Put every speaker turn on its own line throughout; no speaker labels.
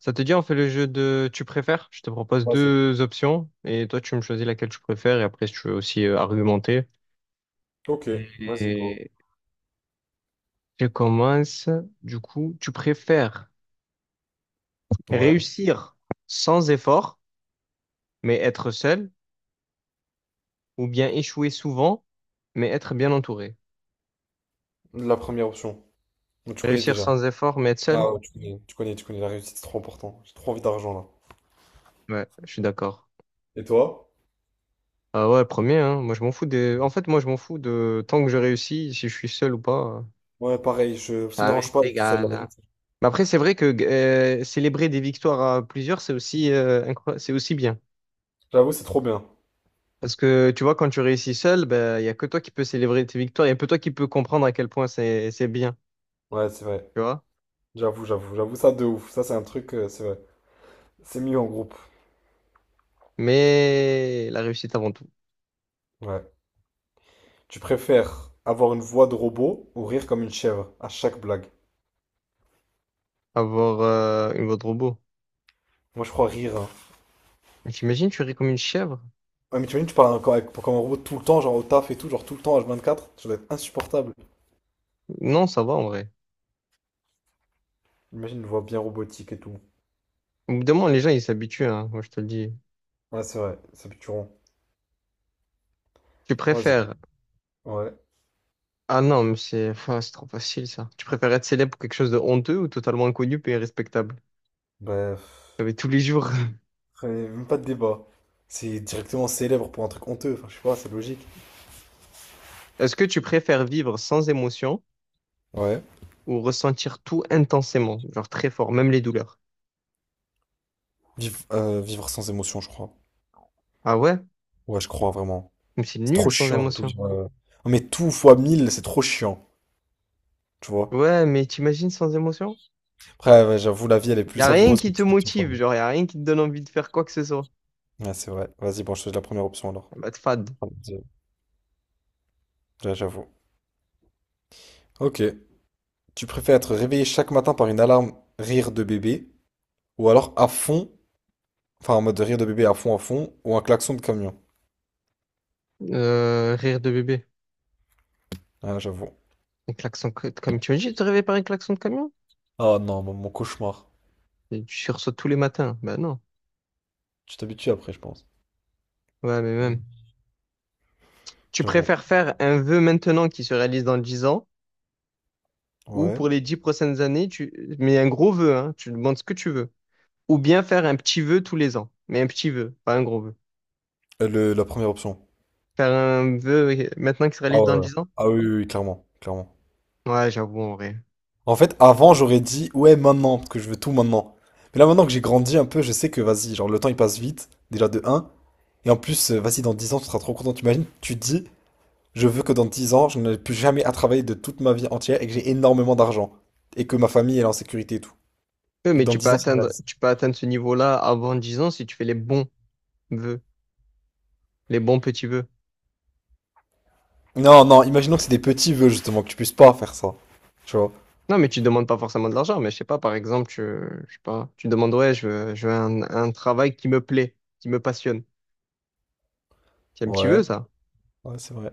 Ça te dit, on fait le jeu de tu préfères? Je te propose
Vas-y.
deux options et toi, tu me choisis laquelle tu préfères et après, si tu veux aussi argumenter.
Ok, vas-y, go.
Et je commence. Du coup, tu préfères
Ouais,
réussir sans effort, mais être seul, ou bien échouer souvent, mais être bien entouré?
la première option. Donc, tu connais
Réussir
déjà.
sans effort, mais être seul?
Ah ouais, tu connais, tu connais, tu connais, la réussite, c'est trop important. J'ai trop envie d'argent là.
Ouais, je suis d'accord.
Et toi?
Ah ouais, premier, hein. Moi, je m'en fous En fait, moi, je m'en fous de tant que je réussis, si je suis seul ou pas.
Ouais, pareil, ça me
Ça
dérange pas,
m'est
tout seul, la
égal, hein.
réussite.
Mais après, c'est vrai que célébrer des victoires à plusieurs, c'est aussi, c'est aussi bien.
J'avoue, c'est trop bien.
Parce que tu vois, quand tu réussis seul, ben, il n'y a que toi qui peux célébrer tes victoires, il n'y a que toi qui peux comprendre à quel point c'est bien,
Ouais, c'est vrai.
tu vois.
J'avoue, j'avoue, j'avoue, ça de ouf. Ça, c'est un truc, c'est vrai. C'est mieux en groupe.
Mais la réussite avant tout,
Ouais. Tu préfères avoir une voix de robot ou rire comme une chèvre à chaque blague?
avoir une voix de robot.
Moi, je crois rire, hein.
Mais t'imagines, tu ris comme une chèvre?
Ouais, mais tu imagines, tu parles encore comme un robot tout le temps, genre au taf et tout, genre tout le temps, H24, ça doit être insupportable.
Non, ça va en vrai.
Imagine une voix bien robotique et tout.
Au bout d'un moment, les gens, ils s'habituent, hein, moi je te le dis.
Ouais, c'est vrai, c'est Picturon.
Tu
Ouais,
préfères.
ouais.
Ah non, mais c'est enfin, c'est trop facile ça. Tu préfères être célèbre pour quelque chose de honteux ou totalement inconnu et respectable?
Bref.
Mais tous les jours.
Même pas de débat. C'est directement célèbre pour un truc honteux, enfin, je sais pas, c'est logique.
Est-ce que tu préfères vivre sans émotion
Ouais.
ou ressentir tout intensément, genre très fort, même les douleurs?
Vivre sans émotion, je crois.
Ah ouais?
Ouais, je crois vraiment.
Mais c'est
C'est trop
nul sans
chiant. Ouais, tout
émotion.
vivre. Non, mais tout fois 1000 c'est trop chiant, tu vois.
Ouais, mais t'imagines sans émotion?
Après, ouais, j'avoue, la vie, elle est
Y
plus
a rien
savoureuse que
qui te
tu vis tout fois
motive,
1000.
genre y a rien qui te donne envie de faire quoi que ce soit.
Ouais, c'est vrai. Vas-y, bon, je choisis la première option alors.
Ah, bah, te fade.
Là, j'avoue. Ok. Tu préfères être réveillé chaque matin par une alarme rire de bébé ou alors à fond. Enfin, en mode de rire de bébé à fond, ou un klaxon de camion.
Rire de bébé.
Ah, j'avoue.
Comme tu imagines te réveiller par un klaxon de camion?
Ah non, mon cauchemar.
Et tu sursautes tous les matins. Bah non.
Tu t'habitues après, je pense.
Ouais, mais
Mm.
même. Tu
J'avoue.
préfères faire un vœu maintenant qui se réalise dans 10 ans ou
Ouais.
pour les 10 prochaines années, tu mais un gros vœu, hein, tu demandes ce que tu veux. Ou bien faire un petit vœu tous les ans. Mais un petit vœu, pas un gros vœu.
La première option.
Faire un vœu maintenant qui se
Ah
réalise dans
ouais. Ouais.
10 ans?
Ah oui, oui, oui, clairement. Clairement.
Ouais, j'avoue, en vrai.
En fait, avant, j'aurais dit, ouais, maintenant, parce que je veux tout maintenant. Mais là, maintenant que j'ai grandi un peu, je sais que, vas-y, genre, le temps, il passe vite, déjà de un. Et en plus, vas-y, dans 10 ans, tu seras trop content. T'imagines, tu te dis, je veux que dans 10 ans, je n'ai plus jamais à travailler de toute ma vie entière et que j'ai énormément d'argent. Et que ma famille elle est en sécurité et tout.
Ouais,
Et que
mais
dans
tu peux
10 ans, ça se
atteindre,
réalise.
tu peux atteindre ce niveau-là avant 10 ans si tu fais les bons vœux, les bons petits vœux.
Non, non, imaginons que c'est des petits vœux, justement, que tu puisses pas faire ça. Tu vois?
Non, mais tu demandes pas forcément de l'argent, mais je sais pas, par exemple, je sais pas, tu demandes, ouais, je veux un travail qui me plaît, qui me passionne. C'est un petit
Ouais,
vœu, ça.
ouais, c'est vrai.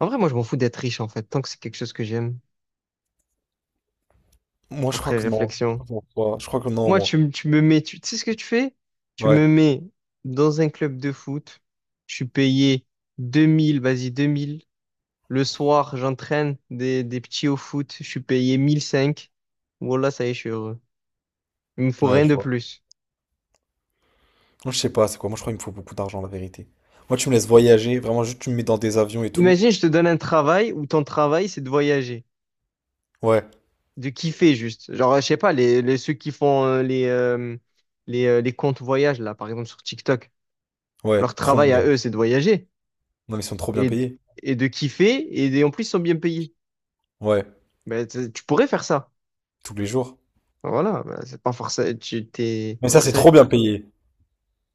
En vrai, moi, je m'en fous d'être riche, en fait, tant que c'est quelque chose que j'aime.
Moi, je crois
Après
que non. Je
réflexion.
crois ouais, je crois que non,
Moi,
moi.
tu me mets, tu sais ce que tu fais? Tu
Ouais,
me mets dans un club de foot, je suis payé 2000, vas-y, 2000. Le soir, j'entraîne des petits au foot, je suis payé mille cinq. Voilà, ça y est, je suis heureux. Il me faut
ouais,
rien
je
de
vois.
plus.
Moi, je sais pas, c'est quoi? Moi, je crois qu'il me faut beaucoup d'argent, la vérité. Moi, tu me laisses voyager, vraiment, juste tu me mets dans des avions et tout.
Imagine, je te donne un travail où ton travail, c'est de voyager,
Ouais,
de kiffer juste. Genre, je sais pas, ceux qui font les comptes voyage, là, par exemple, sur TikTok,
ouais,
leur
trop mon
travail à
rêve.
eux, c'est de voyager
Non, mais ils sont trop bien
et,
payés.
et de kiffer, et en plus, ils sont bien payés.
Ouais,
Mais tu pourrais faire ça.
tous les jours.
Enfin, voilà, bah, c'est pas forcément.
Mais ça, c'est trop bien payé.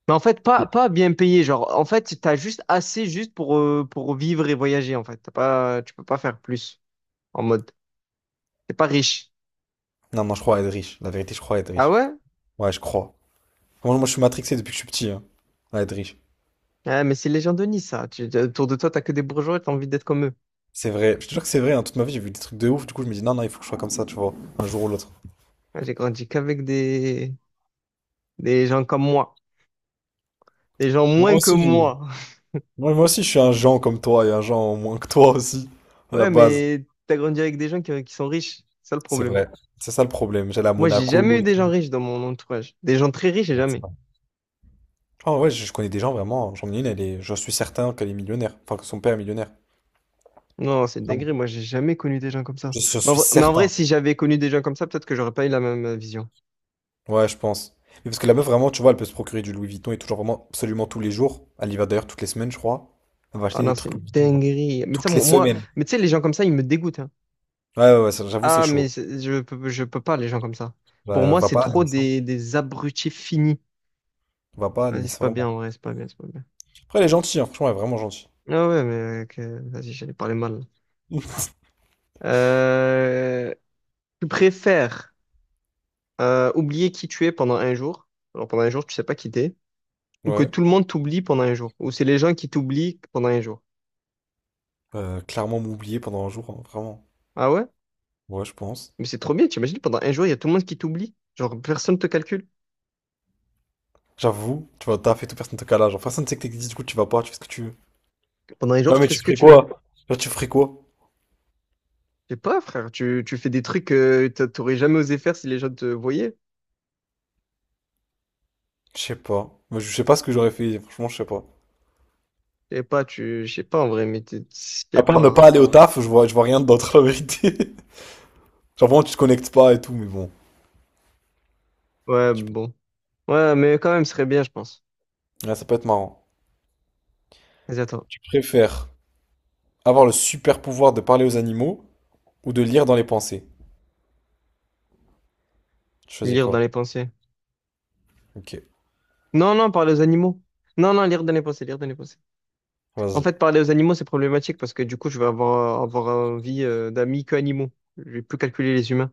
Mais en fait, pas bien payé. Genre, en fait, t'as juste assez juste pour vivre et voyager, en fait. T'as pas, Tu peux pas faire plus. En mode, t'es pas riche.
Non, non, je crois à être riche. La vérité, je crois à être
Ah
riche.
ouais?
Ouais, je crois. Moi, je suis matrixé depuis que je suis petit, hein, à être riche.
Ah, mais c'est les gens de Nice, ça. Autour de toi, t'as que des bourgeois et t'as envie d'être comme eux.
C'est vrai, je te jure que c'est vrai, hein, toute ma vie j'ai vu des trucs de ouf, du coup je me dis non, non, il faut que je sois comme ça, tu vois, un jour ou l'autre.
Ah, j'ai grandi qu'avec des gens comme moi. Des gens
Moi
moins que
aussi.
moi.
Moi aussi je suis un Jean comme toi et un Jean au moins que toi aussi, à la
Ouais,
base.
mais t'as grandi avec des gens qui sont riches. C'est ça le
C'est
problème.
vrai, c'est ça le problème, j'allais à
Moi, j'ai jamais
Monaco
eu
et
des
tout.
gens riches dans mon entourage. Des gens très riches, j'ai
Donc, c'est
jamais.
vrai. Ah ouais, je connais des gens vraiment, j'en ai une, elle est, je suis certain qu'elle est millionnaire, enfin que son père est millionnaire.
Non, c'est une
Vraiment.
dinguerie. Moi, j'ai jamais connu des gens comme ça.
Je
Mais en
suis
vrai, mais en vrai,
certain,
si j'avais connu des gens comme ça, peut-être que j'aurais pas eu la même vision.
ouais, je pense. Mais parce que la meuf vraiment, tu vois, elle peut se procurer du Louis Vuitton et tout, genre vraiment absolument tous les jours. Elle y va d'ailleurs toutes les semaines, je crois. Elle va
Ah
acheter
non,
des
c'est
trucs
une
Louis Vuitton, genre,
dinguerie. Mais tu sais,
toutes les semaines.
mais tu sais, les gens comme ça, ils me dégoûtent, hein.
Ouais, ouais, ouais, ça, j'avoue, c'est
Ah,
chaud.
je peux pas, les gens comme ça. Pour
Bah,
moi,
va
c'est
pas à
trop
Nice, hein.
des abrutis finis.
Va pas à
Vas-y, c'est
Nice,
pas bien,
vraiment.
en vrai, c'est pas bien, c'est pas bien.
Après, elle est gentille, hein, franchement, elle est vraiment gentille.
Ah ouais, mais vas-y, j'allais parler mal, là. Euh, Tu préfères oublier qui tu es pendant un jour, alors pendant un jour, tu sais pas qui t'es, ou que
Ouais.
tout le monde t'oublie pendant un jour, ou c'est les gens qui t'oublient pendant un jour.
Clairement m'oublier pendant un jour, hein, vraiment.
Ah ouais?
Ouais, je pense.
Mais c'est trop bien, t'imagines, pendant un jour, il y a tout le monde qui t'oublie. Genre, personne te calcule.
J'avoue, tu vois, t'as fait tout, personne te cala. Genre, personne ne sait que t'existes, du coup, tu vas pas, tu fais ce que tu veux.
Pendant un jour,
Non,
tu
mais
fais
tu
ce que
ferais
tu veux.
quoi? Genre, tu ferais quoi?
Je sais pas, frère, tu fais des trucs que t'aurais jamais osé faire si les gens te voyaient.
Je sais pas. Moi, je sais pas ce que j'aurais fait, franchement, je sais pas.
Je sais pas, je sais pas en vrai, je
À
sais
part ne
pas.
pas aller au taf, je vois rien d'autre, la vérité. Genre, vraiment, tu te connectes pas et tout, mais bon.
Ouais,
Je sais pas.
bon. Ouais, mais quand même, ce serait bien, je pense.
Ouais, ça peut être marrant.
Vas-y, attends.
Tu préfères avoir le super pouvoir de parler aux animaux ou de lire dans les pensées? Tu choisis
Lire
quoi?
dans les pensées.
Ok,
Non, non, parler aux animaux. Non, non, lire dans les pensées, lire dans les pensées. En
vas-y.
fait, parler aux animaux, c'est problématique parce que du coup, je vais avoir envie d'amis que animaux. Je vais plus calculer les humains.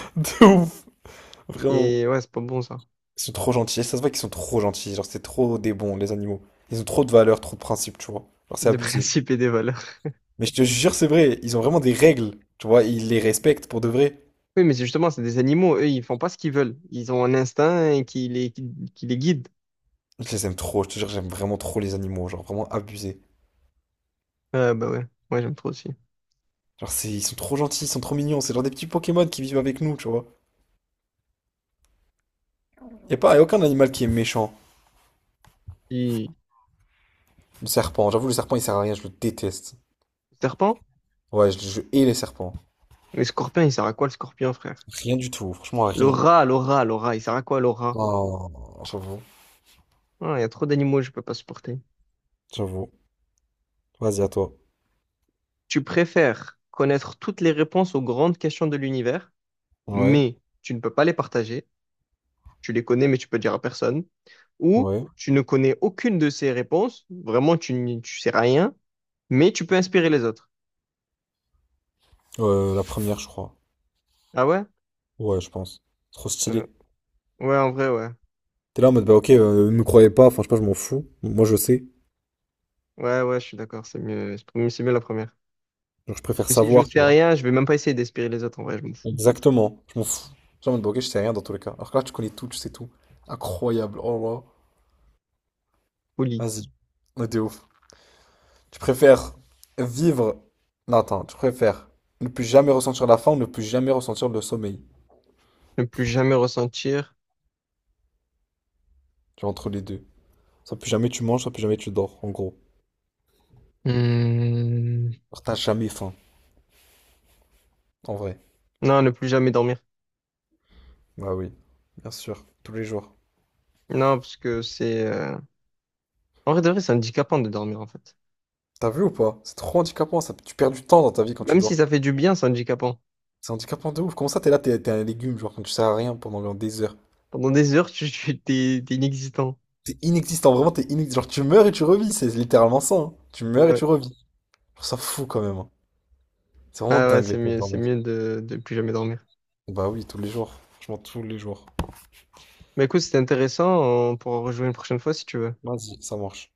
De ouf, vraiment.
Et ouais, c'est pas bon, ça.
Ils sont trop gentils. Et ça se voit qu'ils sont trop gentils. Genre, c'est trop des bons, les animaux. Ils ont trop de valeurs, trop de principes, tu vois. Genre, c'est
Des
abusé.
principes et des valeurs.
Mais je te jure, c'est vrai. Ils ont vraiment des règles. Tu vois, ils les respectent pour de vrai.
Oui, mais c'est justement, c'est des animaux, eux, ils font pas ce qu'ils veulent. Ils ont un instinct et qui les guide.
Je les aime trop. Je te jure, j'aime vraiment trop les animaux. Genre, vraiment abusé.
Ah bah ouais, moi j'aime trop aussi.
Genre, c'est, ils sont trop gentils, ils sont trop mignons. C'est genre des petits Pokémon qui vivent avec nous, tu vois. Y a aucun animal qui est méchant.
Puis,
Le serpent, j'avoue, le serpent, il sert à rien. Je le déteste.
serpent?
Ouais, je hais les serpents.
Mais scorpion, il sert à quoi le scorpion, frère?
Rien du tout. Franchement,
Le
rien.
rat, le rat, le rat, il sert à quoi le rat?
Oh, j'avoue.
Ah, il y a trop d'animaux, que je peux pas supporter.
J'avoue. Vas-y, à toi.
Tu préfères connaître toutes les réponses aux grandes questions de l'univers,
Ouais.
mais tu ne peux pas les partager. Tu les connais, mais tu peux dire à personne. Ou
Ouais,
tu ne connais aucune de ces réponses, vraiment, tu sais rien, mais tu peux inspirer les autres.
La première, je crois.
Ah ouais?
Ouais, je pense. Trop
Euh,
stylé.
Ouais, en vrai, ouais.
T'es là en mode, bah ok, ne me croyez pas, enfin, je sais pas, je m'en fous. Moi, je sais.
Ouais, ouais, je suis d'accord, c'est mieux. C'est mieux la première.
Genre, je
Parce
préfère
que si je
savoir,
sais
tu vois.
rien, je vais même pas essayer d'espérer les autres, en vrai, je m'en fous.
Exactement, je m'en fous. Je suis en mode, bah ok, je sais rien dans tous les cas. Alors que là, tu connais tout, tu sais tout. Incroyable, oh là.
Folie.
Vas-y, on est ouf. Tu préfères vivre. Non, attends, tu préfères ne plus jamais ressentir la faim ou ne plus jamais ressentir le sommeil.
Ne plus jamais ressentir.
Tu vois, entre les deux. Soit plus jamais tu manges, soit plus jamais tu dors, en gros.
Hmm.
Alors, t'as jamais faim, en vrai.
Non, ne plus jamais dormir.
Bah oui, bien sûr, tous les jours.
Non, parce que en vrai, de vrai, c'est handicapant de dormir, en fait.
T'as vu ou pas? C'est trop handicapant, ça. Tu perds du temps dans ta vie quand tu
Même si
dors.
ça fait du bien, c'est handicapant.
C'est handicapant de ouf. Comment ça, t'es là, t'es un légume, genre, quand tu sers à rien pendant des heures.
Pendant des heures, t'es inexistant.
T'es inexistant, vraiment, t'es inexistant. Genre, tu meurs et tu revis, c'est littéralement ça, hein. Tu meurs et
Ouais.
tu revis. Je trouve ça fou quand même, hein. C'est vraiment
Ah ouais,
dingue
c'est
les temps de
mieux, c'est
dormir.
mieux de plus jamais dormir.
Bah oui, tous les jours. Franchement, tous les jours.
Mais écoute, c'était intéressant, on pourra rejouer une prochaine fois si tu veux.
Vas-y, ça marche.